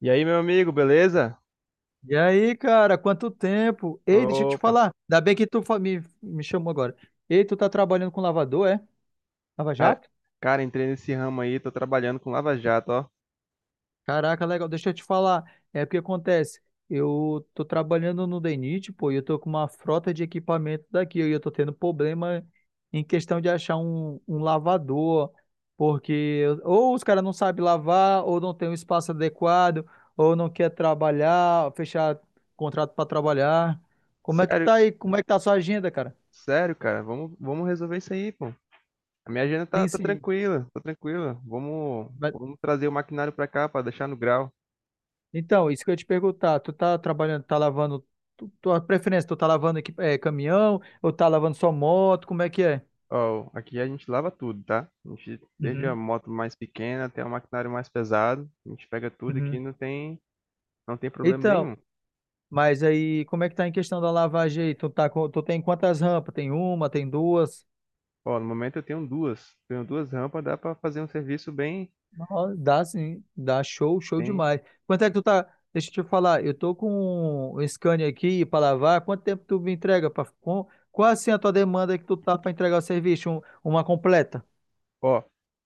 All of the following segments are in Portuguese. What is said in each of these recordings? E aí, meu amigo, beleza? E aí, cara, quanto tempo? Ei, deixa eu te Opa, falar. Ainda bem que tu me chamou agora. Ei, tu tá trabalhando com lavador, é? Lava cara, Jato? cara, entrei nesse ramo aí, tô trabalhando com Lava Jato, ó. Caraca, legal. Deixa eu te falar. É porque acontece. Eu tô trabalhando no DENIT, pô, e eu tô com uma frota de equipamento daqui. E eu tô tendo problema em questão de achar um lavador. Porque ou os caras não sabem lavar, ou não tem um espaço adequado, ou não quer trabalhar, fechar contrato para trabalhar. Como é que Sério, tá aí? Como é que tá a sua agenda, cara? sério, cara, vamos resolver isso aí, pô. A minha agenda tá, Sim, tá sim. tranquila, tá tranquila. Vamos, Mas- vamos trazer o maquinário pra cá pra deixar no grau. Então, isso que eu ia te perguntar, tu tá trabalhando, tá lavando, tu, tua preferência, tu tá lavando aqui, é, caminhão ou tá lavando só moto, como é que é? Ó, aqui a gente lava tudo, tá? A gente, desde a Uhum, moto mais pequena até o maquinário mais pesado, a gente pega tudo aqui, uhum. Não tem problema Então, nenhum. mas aí, como é que tá em questão da lavagem aí? Tu tá com, tu tem quantas rampas? Tem uma, tem duas? Ó, no momento eu tenho duas rampas, dá pra fazer um serviço bem, Não, dá sim, dá show, show bem, demais. Quanto é que tu tá, deixa eu te falar, eu tô com um Scania aqui pra lavar, quanto tempo tu me entrega? Qual assim a tua demanda que tu tá pra entregar o serviço, uma completa? Ó,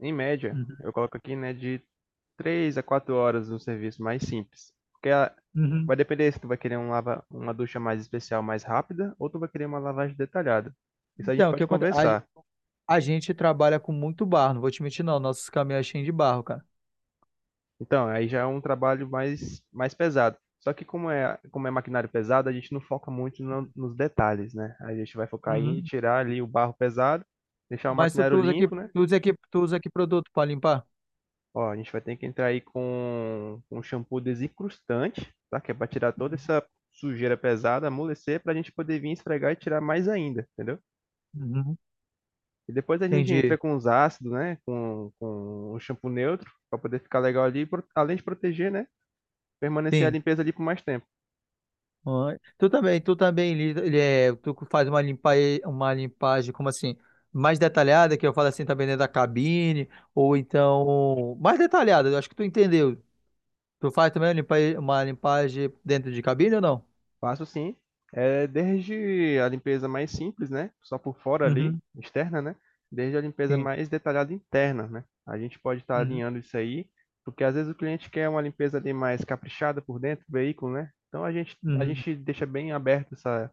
em média, Uhum, eu coloco aqui, né, de 3 a 4 horas no serviço mais simples. Uhum. Vai depender se tu vai querer um lava, uma ducha mais especial, mais rápida, ou tu vai querer uma lavagem detalhada. Isso a gente Então, o que pode acontece? conversar. A gente trabalha com muito barro, não vou te mentir, não. Nossos caminhões cheios de barro, cara. Então, aí já é um trabalho mais pesado. Só que como é maquinário pesado, a gente não foca muito nos detalhes, né? A gente vai focar em Uhum. tirar ali o barro pesado, deixar o Mas tu, maquinário tu usa que, limpo, né? Tu usa que produto para limpar? Ó, a gente vai ter que entrar aí com um shampoo desincrustante, tá? Que é para tirar toda Uhum. essa sujeira pesada, amolecer, para a gente poder vir esfregar e tirar mais ainda, entendeu? Uhum. E depois a gente Entendi. entra com os ácidos, né? Com o shampoo neutro, para poder ficar legal ali, além de proteger, né? Permanecer a Sim. limpeza ali por mais tempo. Ah, tu também, tu faz uma limpa, uma limpagem, como assim, mais detalhada, que eu falo assim, também dentro da cabine, ou então, mais detalhada, eu acho que tu entendeu. Tu faz também uma uma limpagem dentro de cabine ou não? Faço sim. É desde a limpeza mais simples, né, só por fora ali, Uhum. externa, né, desde a limpeza Sim. mais detalhada interna, né. A gente pode estar Uhum. alinhando isso aí, porque às vezes o cliente quer uma limpeza ali mais caprichada por dentro do veículo, né. Então a gente a Uhum. gente deixa bem aberto essa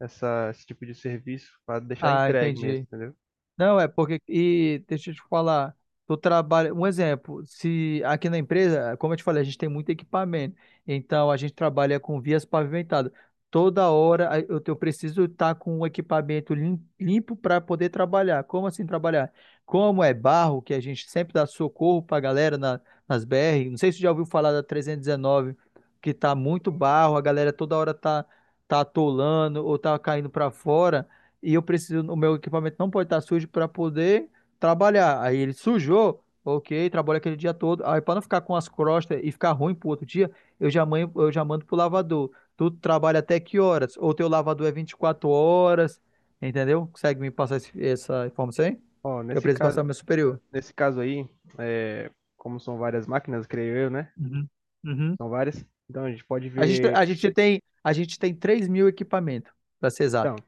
esse tipo de serviço para deixar Ah, entregue mesmo, entendi. entendeu. Não, é porque, e deixa eu te falar, tu trabalha, um exemplo, se aqui na empresa, como eu te falei, a gente tem muito equipamento, então a gente trabalha com vias pavimentadas. Toda hora a- eu, te- eu preciso estar com o equipamento limpo para poder trabalhar. Como assim trabalhar? Como é barro, que a gente sempre dá socorro para a galera nas BR, não sei se tu já ouviu falar da 319, que tá muito Sim. barro, a galera toda hora tá, tá atolando ou tá caindo para fora e eu preciso, o meu equipamento não pode estar sujo para poder trabalhar. Aí ele sujou, ok, trabalha aquele dia todo. Aí para não ficar com as crostas e ficar ruim pro outro dia, eu já mando pro lavador. Tu trabalha até que horas? Ou teu lavador é 24 horas, entendeu? Consegue me passar essa informação aí? Ó, Que eu preciso passar pro meu superior. nesse caso aí, eh, como são várias máquinas, creio eu, né, Uhum. Uhum. são várias, então a gente pode ver A gente tem 3 mil equipamentos, para ser então, exato.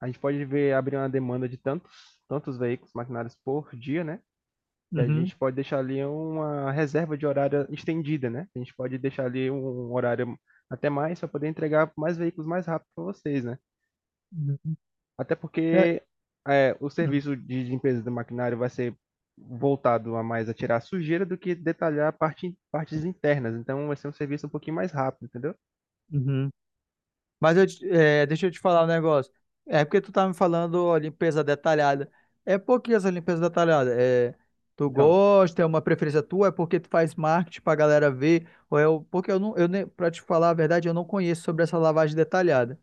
a gente pode ver abrir uma demanda de tantos veículos maquinários por dia, né? E a Uhum. gente pode deixar ali uma reserva de horário estendida, né? A gente pode deixar ali um horário até mais para poder entregar mais veículos mais rápido para vocês, né? Uhum. Até É, porque o serviço de limpeza do maquinário vai ser voltado a mais a tirar a sujeira do que detalhar partes internas. Então vai ser um serviço um pouquinho mais rápido, entendeu? uhum. Deixa eu te falar um negócio. É porque tu tá me falando ó, limpeza detalhada. É por que essa limpeza detalhada? É, tu Então, gosta, é uma preferência tua, é porque tu faz marketing pra galera ver, ou porque eu não, eu nem, pra te falar a verdade, eu não conheço sobre essa lavagem detalhada.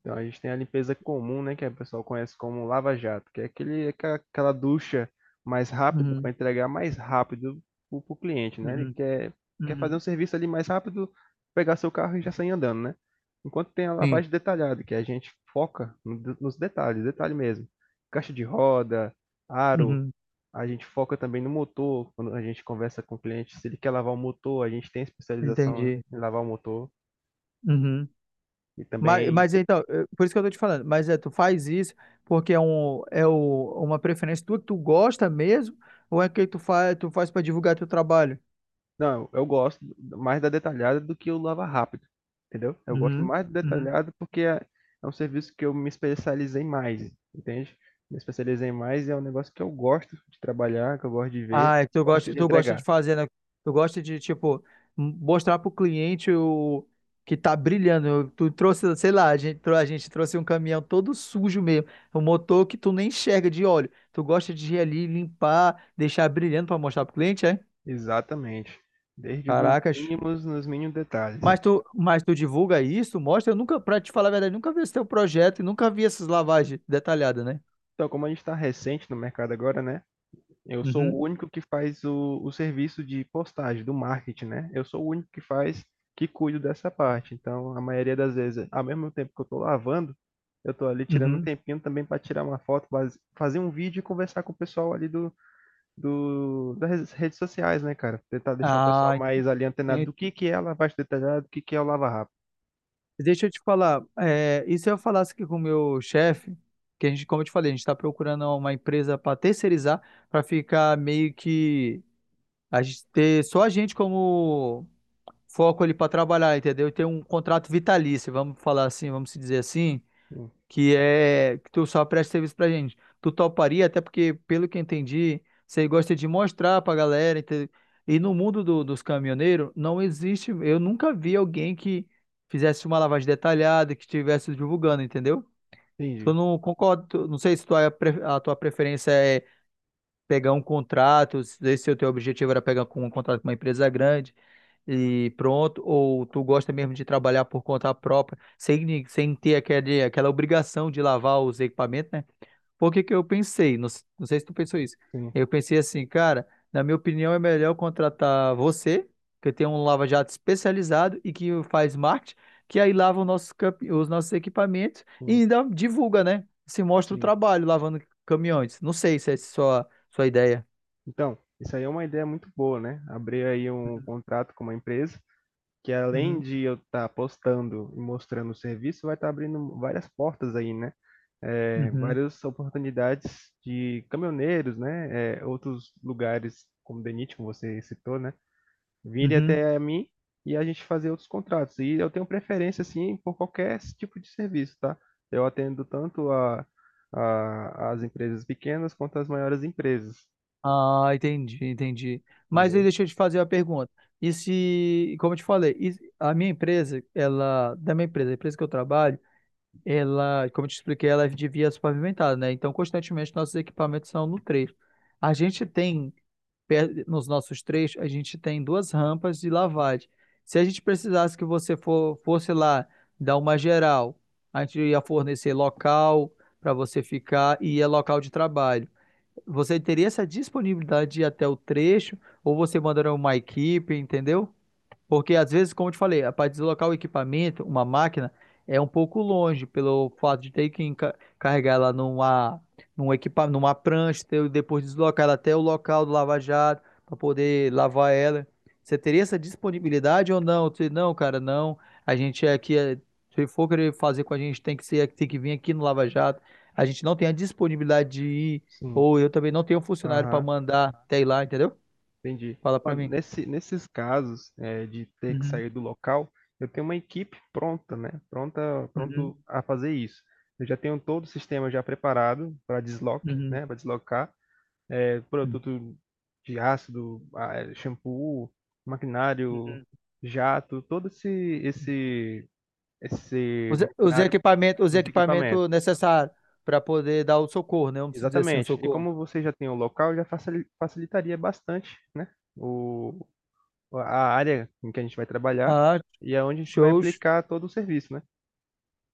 Então, a gente tem a limpeza comum, né, que o pessoal conhece como lava-jato, que é aquele, aquela aquela ducha mais rápida Uhum, para entregar mais rápido para o cliente, né? Uhum, Quer fazer um uhum. serviço ali mais rápido, pegar seu carro e já sair andando, né? Enquanto tem a Sim, lavagem detalhada, que a gente foca no nos detalhes, detalhe mesmo. Caixa de roda, aro, uhum, a gente foca também no motor, quando a gente conversa com o cliente, se ele quer lavar o motor, a gente tem especialização entendi. em lavar o motor Uhum. e também. Mas então, por isso que eu tô te falando, mas é, tu faz isso porque é, um, é o, uma preferência tua que tu gosta mesmo, ou é que tu faz para divulgar teu trabalho? Não, eu gosto mais da detalhada do que o lava rápido, entendeu? Eu gosto Uhum, mais do uhum. detalhado porque é um serviço que eu me especializei mais, entende? Me especializei mais e é um negócio que eu gosto de trabalhar, que eu gosto de ver, Ah, é que gosto de tu gosta de entregar. fazer, né? Tu gosta de, tipo, mostrar pro cliente o que tá brilhando. Tu trouxe, sei lá, a gente trouxe um caminhão todo sujo mesmo, um motor que tu nem enxerga de óleo. Tu gosta de ir ali, limpar, deixar brilhando pra mostrar pro cliente, é? Exatamente. Desde os Caracas. mínimos Nos mínimos detalhes. Mas tu divulga isso, mostra. Eu nunca, pra te falar a verdade, nunca vi esse teu projeto e nunca vi essas lavagens detalhadas, né? Então, como a gente está recente no mercado agora, né? Eu sou Uhum, o único que faz o serviço de postagem, do marketing, né? Eu sou o único que faz, que cuido dessa parte. Então, a maioria das vezes, ao mesmo tempo que eu estou lavando, eu estou ali tirando um uhum. tempinho também para tirar uma foto, fazer um vídeo e conversar com o pessoal ali do, das redes sociais, né, cara? Tentar deixar o pessoal Ah, mais ali antenado do que é a lavagem detalhada, do que é o lava-rápido. deixa eu te falar, é, e se eu falasse aqui com o meu chefe, que a gente, como eu te falei, a gente está procurando uma empresa para terceirizar, para ficar meio que a gente ter só a gente como foco ali para trabalhar, entendeu? E ter um contrato vitalício, vamos falar assim, vamos se dizer assim Hum, que é que tu só presta serviço pra gente. Tu toparia, até porque, pelo que eu entendi, você gosta de mostrar pra galera. E no mundo dos caminhoneiros, não existe. Eu nunca vi alguém que fizesse uma lavagem detalhada, que estivesse divulgando, entendeu? Tu Entendi. não concordo, não sei se tua, a tua preferência é pegar um contrato, se o teu objetivo era pegar com um contrato com uma empresa grande e pronto, ou tu gosta mesmo de trabalhar por conta própria, sem ter aquele, aquela obrigação de lavar os equipamentos, né? Por que que eu pensei? Não sei se tu pensou isso. Sim, Eu pensei assim, cara, na minha opinião é melhor eu contratar você, que tem um lava-jato especializado e que faz marketing, que aí lava os nossos, os nossos equipamentos e sim, ainda divulga, né? Se mostra o sim. trabalho lavando caminhões. Não sei se é sua, sua ideia. Então, isso aí é uma ideia muito boa, né? Abrir aí um contrato com uma empresa. Que além Uhum, de eu estar postando e mostrando o serviço, vai estar abrindo várias portas aí, né? É, uhum, várias oportunidades de caminhoneiros, né? É, outros lugares, como Denit, como você citou, né? Virem uhum. até a mim e a gente fazer outros contratos. E eu tenho preferência, assim, por qualquer tipo de serviço, tá? Eu atendo tanto a, as empresas pequenas quanto as maiores empresas, Ah, entendi, entendi. Mas aí entendeu? deixa eu te fazer uma pergunta. E se, como eu te falei, a minha empresa, ela, da minha empresa, a empresa que eu trabalho, ela, como eu te expliquei, ela é de vias pavimentadas, né? Então, constantemente, nossos equipamentos são no trecho. A gente tem, per- nos nossos trechos, a gente tem duas rampas de lavagem. Se a gente precisasse que fosse lá dar uma geral, a gente ia fornecer local para você ficar e é local de trabalho. Você teria essa disponibilidade de ir até o trecho ou você mandaria uma equipe, entendeu? Porque às vezes, como eu te falei, para deslocar o equipamento, uma máquina, é um pouco longe, pelo fato de ter que carregar ela numa, numa prancha, depois deslocar ela até o local do lava-jato, para poder lavar ela. Você teria essa disponibilidade ou não? Você, não, cara, não. A gente é aqui, se for querer fazer com a gente, tem que ser, tem que vir aqui no lava-jato. A gente não tem a disponibilidade de ir, Sim. ou eu também não tenho funcionário para Aham. mandar até ir lá, entendeu? Entendi. Fala Ó, para mim. Nesses casos, de ter que Uhum, sair do local, eu tenho uma equipe pronta, né, pronta uhum, pronto a fazer isso. Eu já tenho todo o sistema já preparado para desloque, uhum. né, para deslocar, produto de ácido, shampoo, maquinário, Uhum. jato, todo esse esse esse maquinário, Os os equipamentos. equipamentos necessários para poder dar o socorro, né? Vamos dizer assim, o Exatamente. E socorro. como você já tem o local, já facilitaria bastante, né, a área em que a gente vai trabalhar Ah, e aonde a gente vai show, aplicar todo o serviço, né?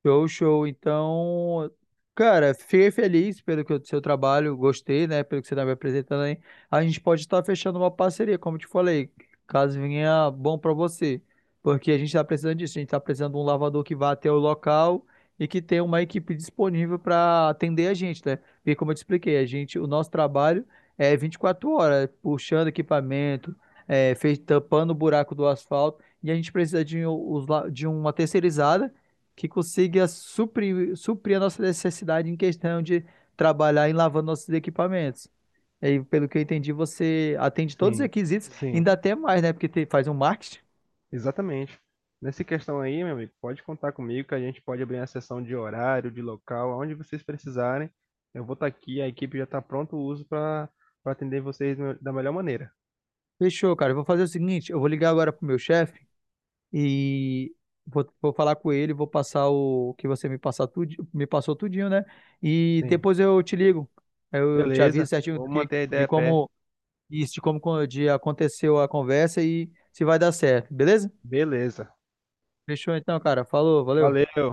show, show. Então, cara, fiquei feliz pelo que, o seu trabalho, gostei, né? Pelo que você está me apresentando aí. A gente pode estar fechando uma parceria, como eu te falei, caso venha bom para você. Porque a gente está precisando disso, a gente está precisando de um lavador que vá até o local e que tenha uma equipe disponível para atender a gente, né? Porque como eu te expliquei, a gente, o nosso trabalho é 24 horas, puxando equipamento, é, tampando o buraco do asfalto, e a gente precisa de, de uma terceirizada que consiga suprir a nossa necessidade em questão de trabalhar em lavando nossos equipamentos. E pelo que eu entendi, você atende todos os Sim, requisitos, sim, ainda até mais, né? Porque faz um marketing. exatamente. Nessa questão aí, meu amigo, pode contar comigo que a gente pode abrir a sessão de horário, de local, aonde vocês precisarem. Eu vou estar aqui, a equipe já está pronto o uso para para atender vocês da melhor maneira. Fechou, cara. Eu vou fazer o seguinte, eu vou ligar agora pro meu chefe e vou falar com ele, vou passar o que você me passar tudo, me passou tudinho, né? E Sim, depois eu te ligo. Eu te beleza. aviso certinho Vou manter a ideia de a pé. como de aconteceu a conversa e se vai dar certo, beleza? Beleza. Fechou então, cara. Falou, valeu. Valeu.